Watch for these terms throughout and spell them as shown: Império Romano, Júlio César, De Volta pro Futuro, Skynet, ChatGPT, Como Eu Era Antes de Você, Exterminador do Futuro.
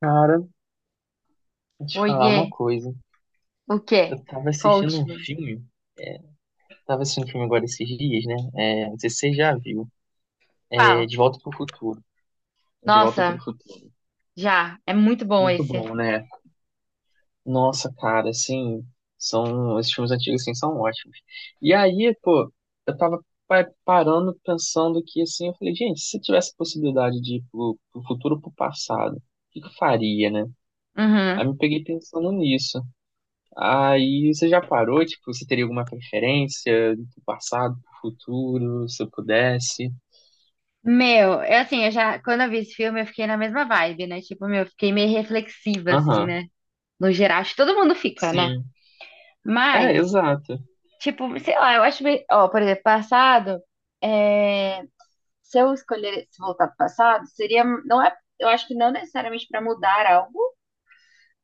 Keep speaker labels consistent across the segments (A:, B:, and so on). A: Cara, vou te falar
B: Oiê,
A: uma coisa.
B: o
A: Eu
B: quê?
A: tava assistindo um
B: Conte-me.
A: filme, é, tava assistindo um filme agora esses dias, né? É, não sei se você já viu. É,
B: Qual?
A: De Volta pro Futuro. De Volta pro
B: Nossa,
A: Futuro.
B: já, é muito bom
A: Muito
B: esse.
A: bom, né? Nossa, cara, assim, esses filmes antigos, assim, são ótimos. E aí, pô, eu tava parando, pensando que, assim, eu falei, gente, se tivesse possibilidade de ir pro futuro ou pro passado, o que eu faria, né?
B: Uhum.
A: Aí me peguei pensando nisso. Aí você já parou? Tipo, você teria alguma preferência do passado, pro futuro, se eu pudesse?
B: Meu, eu já, quando eu vi esse filme, eu fiquei na mesma vibe, né? Tipo, meu, eu fiquei meio reflexiva, assim,
A: Aham,
B: né? No geral, acho que todo mundo fica, né?
A: sim. É,
B: Mas,
A: exato.
B: tipo, sei lá, eu acho meio... Ó, por exemplo, passado, é... se eu escolher se voltar pro passado, seria... Não é... Eu acho que não necessariamente pra mudar algo,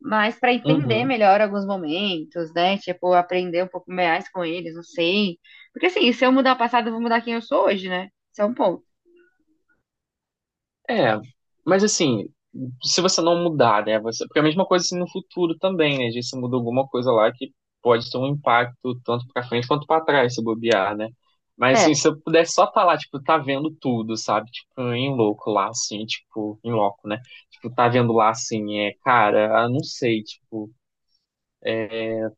B: mas para entender
A: Uhum.
B: melhor alguns momentos, né? Tipo, aprender um pouco mais com eles, não sei. Porque assim, se eu mudar o passado, eu vou mudar quem eu sou hoje, né? Isso é um ponto.
A: É, mas assim, se você não mudar, né? Você... Porque é a mesma coisa assim no futuro também, né? Se você muda alguma coisa lá que pode ter um impacto tanto pra frente quanto pra trás, se bobear, né? Mas assim,
B: É.
A: se eu pudesse só estar lá, tipo, tá vendo tudo, sabe? Tipo, em louco lá, assim, tipo, em loco, né? Tipo, tá vendo lá, assim, é, cara, ah, não sei, tipo.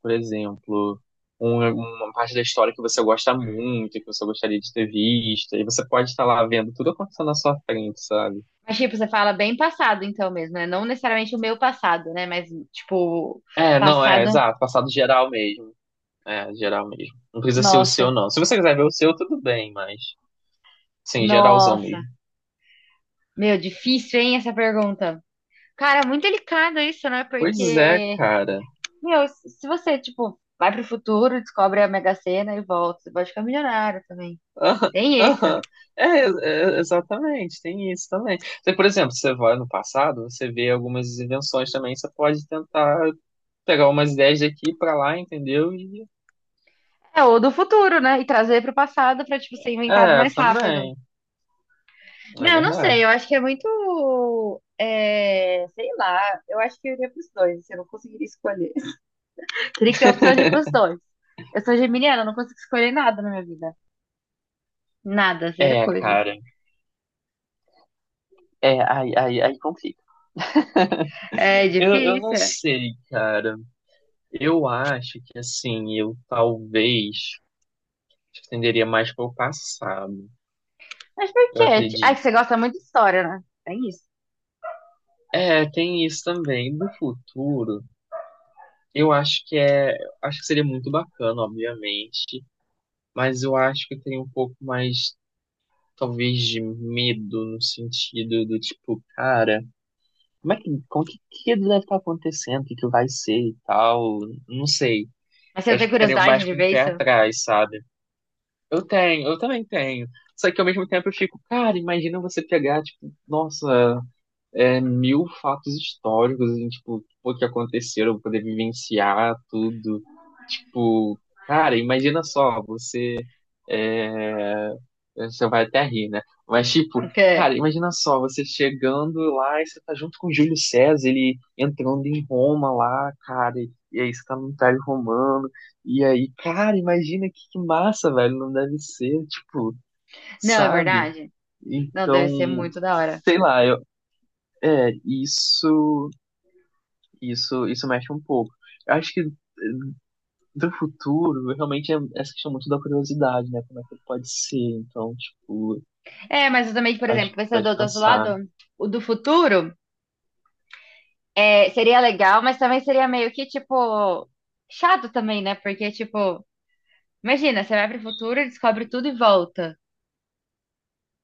A: Por exemplo, uma parte da história que você gosta muito, que você gostaria de ter visto, e você pode estar lá vendo tudo acontecendo na sua frente, sabe?
B: Mas, tipo, você fala bem passado, então mesmo, né? Não necessariamente o meu passado, né? Mas, tipo,
A: É, não, é,
B: passado.
A: exato, passado geral mesmo. É, geral mesmo. Não precisa ser o seu,
B: Nossa,
A: não. Se você quiser ver o seu, tudo bem, mas sim, geralzão
B: nossa.
A: mesmo.
B: Meu, difícil, hein, essa pergunta. Cara, muito delicado isso, né?
A: Pois é,
B: Porque,
A: cara.
B: meu, se você, tipo, vai pro futuro, descobre a Mega Sena e volta, você pode ficar milionário também.
A: Aham,
B: Tem isso.
A: aham. É, é, exatamente, tem isso também. Você, por exemplo, você vai no passado, você vê algumas invenções também, você pode tentar pegar umas ideias daqui pra lá, entendeu? E
B: É, ou do futuro, né? E trazer pro passado pra, tipo, ser inventado
A: é,
B: mais rápido.
A: também. É
B: Não, eu não sei, eu
A: verdade.
B: acho que é muito. Sei lá, eu acho que eu iria pros dois, assim, eu não conseguiria escolher. Teria que ter a opção de ir pros dois. Eu sou geminiana, eu não consigo escolher nada na minha vida. Nada, zero
A: É,
B: coisa.
A: cara. É, aí complica.
B: É
A: Eu não
B: difícil.
A: sei, cara. Eu acho que, assim, eu talvez tenderia mais para o passado,
B: Mas por
A: eu
B: quê? Ah, que
A: acredito.
B: você gosta muito de história, né? É isso.
A: É, tem isso também. Do futuro, eu acho que é. Acho que seria muito bacana, obviamente. Mas eu acho que tem um pouco mais, talvez, de medo no sentido do tipo, cara. Como é que, que deve estar acontecendo, o que, que vai ser e tal, não sei.
B: Mas você
A: Eu
B: não
A: acho
B: tem
A: que ficaria
B: curiosidade
A: mais
B: de
A: com o
B: ver
A: pé
B: isso?
A: atrás, sabe? Eu também tenho. Só que ao mesmo tempo eu fico, cara, imagina você pegar, tipo, nossa, é, mil fatos históricos, e, tipo, o que aconteceram, poder vivenciar tudo. Tipo, cara, imagina só, você... Você vai até rir, né? Mas, tipo,
B: Porque.
A: cara, imagina só, você chegando lá e você tá junto com Júlio César, ele entrando em Roma lá, cara, e aí você tá no Império Romano, e aí, cara, imagina que massa, velho, não deve ser, tipo,
B: Não, é
A: sabe?
B: verdade? Não,
A: Então,
B: deve ser muito da hora.
A: sei lá, eu, é, isso mexe um pouco. Eu acho que do futuro, realmente, é essa questão muito da curiosidade, né? Como é que pode ser, então, tipo,
B: É, mas eu também, por
A: faz,
B: exemplo,
A: faz
B: pensador do outro lado,
A: pensar.
B: o do futuro. É, seria legal, mas também seria meio que, tipo, chato também, né? Porque, tipo, imagina, você vai pro futuro, descobre tudo e volta.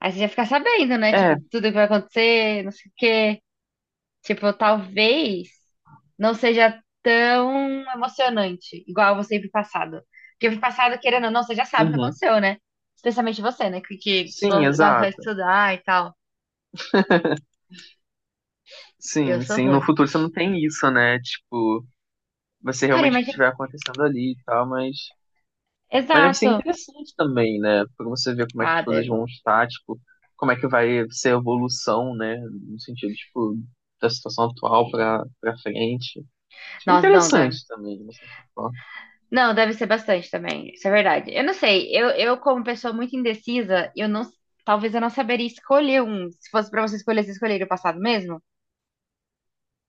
B: Aí você já fica sabendo, né? Tipo,
A: É,
B: tudo que vai acontecer, não sei o quê. Tipo, talvez não seja tão emocionante, igual você ir pro passado. Porque ir pro passado, querendo ou não, você já sabe o que
A: uhum.
B: aconteceu, né? Especialmente você, né? Que, que
A: Sim,
B: go- gosta de
A: exato.
B: estudar e tal. Eu
A: Sim,
B: sou
A: sim. No
B: ruim.
A: futuro você não tem isso, né? Tipo, vai ser
B: Cara,
A: realmente o que
B: imagina.
A: estiver acontecendo ali e tal, mas deve ser
B: Exato.
A: interessante também, né? Pra você ver como é que as
B: Ah,
A: coisas
B: deve.
A: vão estar, tipo, como é que vai ser a evolução, né? No sentido, tipo, da situação atual pra frente. Acho que é
B: Nossa, não.
A: interessante também, de uma certa forma.
B: Não, deve ser bastante também. Isso é verdade. Eu não sei. Eu como pessoa muito indecisa, eu não, talvez eu não saberia escolher um. Se fosse pra você escolher, você escolheria o passado mesmo?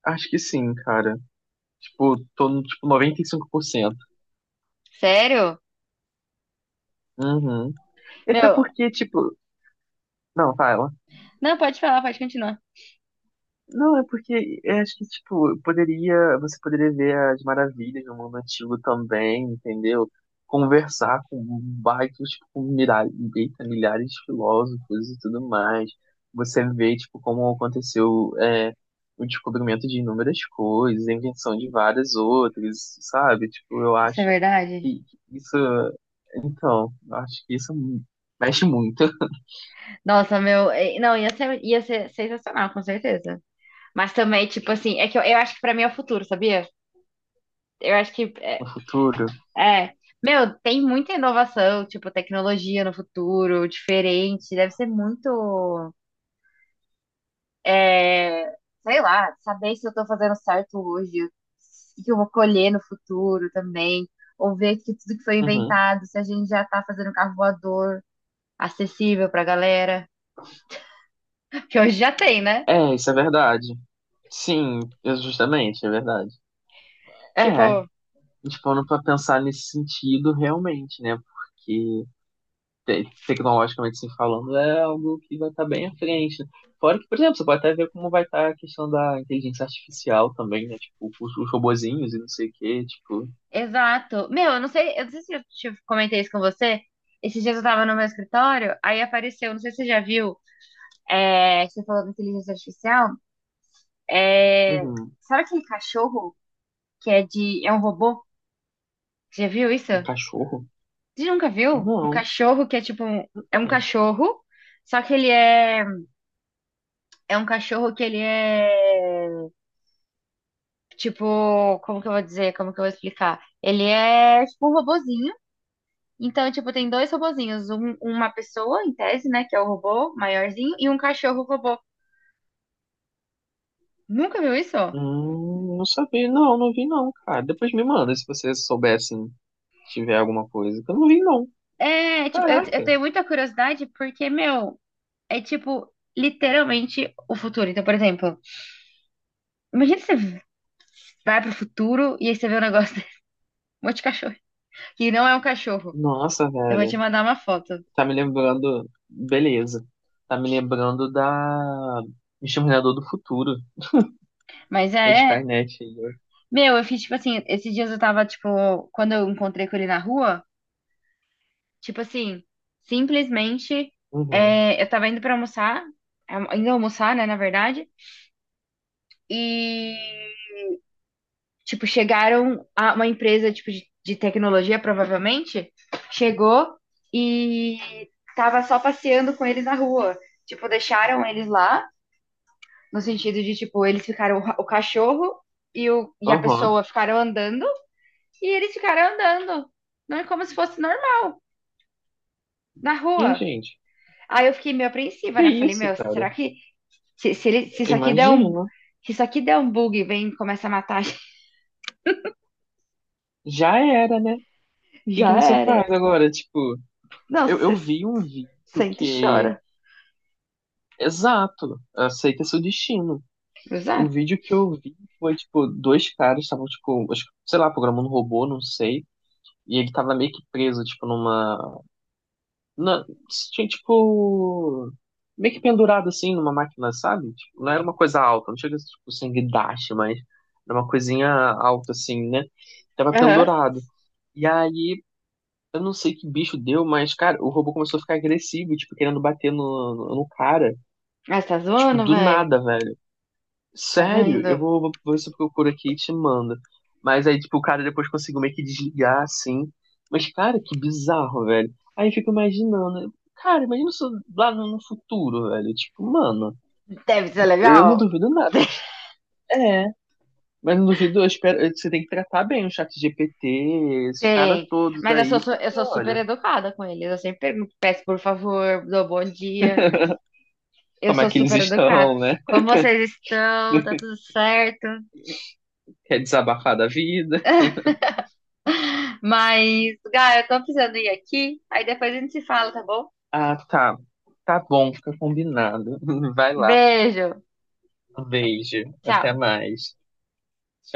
A: Acho que sim, cara. Tipo, tô no, tipo, 95%.
B: Sério?
A: Uhum. E até
B: Meu,
A: porque, tipo... Não, fala.
B: não, pode falar, pode continuar.
A: Não, é porque eu acho que, tipo, poderia, você poderia ver as maravilhas do mundo antigo também, entendeu? Conversar com vários, tipo, com milhares, eita, milhares de filósofos e tudo mais. Você vê, tipo, como aconteceu, é, o descobrimento de inúmeras coisas, a invenção de várias outras, sabe? Tipo, eu
B: Isso é
A: acho
B: verdade?
A: que isso, então, eu acho que isso mexe muito
B: Nossa, meu, não, ia ser sensacional, com certeza. Mas também, tipo assim, é que eu acho que pra mim é o futuro, sabia? Eu acho que é,
A: no futuro.
B: é. Meu, tem muita inovação, tipo, tecnologia no futuro, diferente, deve ser muito É, sei lá, saber se eu tô fazendo certo hoje, o que eu vou colher no futuro também, ou ver que tudo que foi
A: Uhum.
B: inventado, se a gente já tá fazendo carro voador acessível pra galera, que hoje já tem, né?
A: É, isso é verdade. Sim, é justamente, é verdade. É,
B: Tipo,
A: tipo, parando pra pensar nesse sentido realmente, né? Porque tecnologicamente se falando é algo que vai estar bem à frente. Né? Fora que, por exemplo, você pode até ver como vai estar a questão da inteligência artificial também, né? Tipo, os robozinhos e não sei o quê, tipo,
B: exato. Meu, eu não sei se eu te comentei isso com você. Esses dias eu tava no meu escritório, aí apareceu, não sei se você já viu, é, você falou da inteligência artificial, é,
A: um,
B: sabe aquele cachorro que é de, é um robô? Você já viu isso?
A: um cachorro.
B: Você nunca viu um
A: Não,
B: cachorro que é tipo um, é um
A: cara.
B: cachorro, só que ele é é um cachorro que ele é tipo, como que eu vou dizer, como que eu vou explicar? Ele é tipo um robozinho. Então, tipo, tem dois robozinhos, uma pessoa em tese, né, que é o robô maiorzinho e um cachorro robô. Nunca viu isso?
A: Não sabia, não, não vi não, cara. Depois me manda se você souber, assim, tiver alguma coisa. Que eu não vi não.
B: É, tipo, eu
A: Caraca.
B: tenho muita curiosidade porque, meu, é tipo literalmente o futuro. Então, por exemplo, imagina você vai pro futuro e aí você vê um negócio, um monte de cachorro que não é um cachorro.
A: Nossa,
B: Eu vou te
A: velho.
B: mandar uma foto.
A: Tá me lembrando. Beleza. Tá me lembrando da Exterminador do Futuro.
B: Mas é,
A: A
B: é.
A: Skynet aí,
B: Meu, eu fiz tipo assim, esses dias eu tava, tipo, quando eu encontrei com ele na rua, tipo assim, simplesmente
A: ó. Uhum.
B: eu tava indo pra almoçar, é, indo almoçar, né, na verdade, e tipo, chegaram a uma empresa tipo de tecnologia, provavelmente, chegou e tava só passeando com ele na rua. Tipo, deixaram eles lá. No sentido de, tipo, eles ficaram, o cachorro e, o, e a
A: Aham.
B: pessoa ficaram andando e eles ficaram andando. Não é como se fosse normal, na
A: Ih,
B: rua.
A: gente.
B: Aí eu fiquei meio apreensiva,
A: Que
B: né? Falei,
A: isso,
B: meu,
A: cara?
B: será que se isso aqui der um,
A: Imagina.
B: se isso aqui der um bug e vem e começa a matar,
A: Já era, né? O que
B: já
A: você
B: era.
A: faz agora? Tipo,
B: Não, você
A: eu vi um vídeo
B: sente e
A: que.
B: chora.
A: Exato. Aceita seu destino. O
B: Exato.
A: vídeo que eu vi foi, tipo, dois caras estavam, tipo, acho que, sei lá, programando um robô, não sei. E ele tava meio que preso, tipo, numa na- tinha tipo meio que pendurado assim numa máquina, sabe? Tipo, não era uma coisa alta, não chega a ser, tipo sanguidache, mas era uma coisinha alta assim, né? Tava
B: Aham.
A: pendurado. E aí, eu não sei que bicho deu, mas cara, o robô começou a ficar agressivo, tipo, querendo bater no, no cara,
B: Ah, você tá
A: tipo,
B: zoando,
A: do
B: velho?
A: nada, velho.
B: Tá
A: Sério, eu
B: vendo?
A: vou, vou ver se eu procuro aqui e te mando. Mas aí, tipo, o cara depois conseguiu meio que desligar, assim. Mas, cara, que bizarro, velho. Aí eu fico imaginando. Cara, imagina isso lá no futuro, velho. Tipo, mano,
B: Deve ser
A: eu não
B: legal.
A: duvido nada. De- é, mas não duvido, eu espero. Você tem que tratar bem o chat GPT, esses caras
B: Tem.
A: todos
B: Mas eu sou,
A: aí,
B: eu
A: porque,
B: sou super
A: olha,
B: educada com eles. Eu sempre pergunto, peço por favor, dou bom dia. Eu
A: como é
B: sou
A: que eles
B: super educada.
A: estão, né?
B: Como vocês estão? Tá tudo certo?
A: Quer desabafar da vida?
B: Mas, Gá, eu tô precisando ir aqui. Aí depois a gente se fala, tá bom?
A: Ah, tá. Tá bom, fica combinado. Vai lá.
B: Beijo.
A: Um beijo. Até
B: Tchau.
A: mais.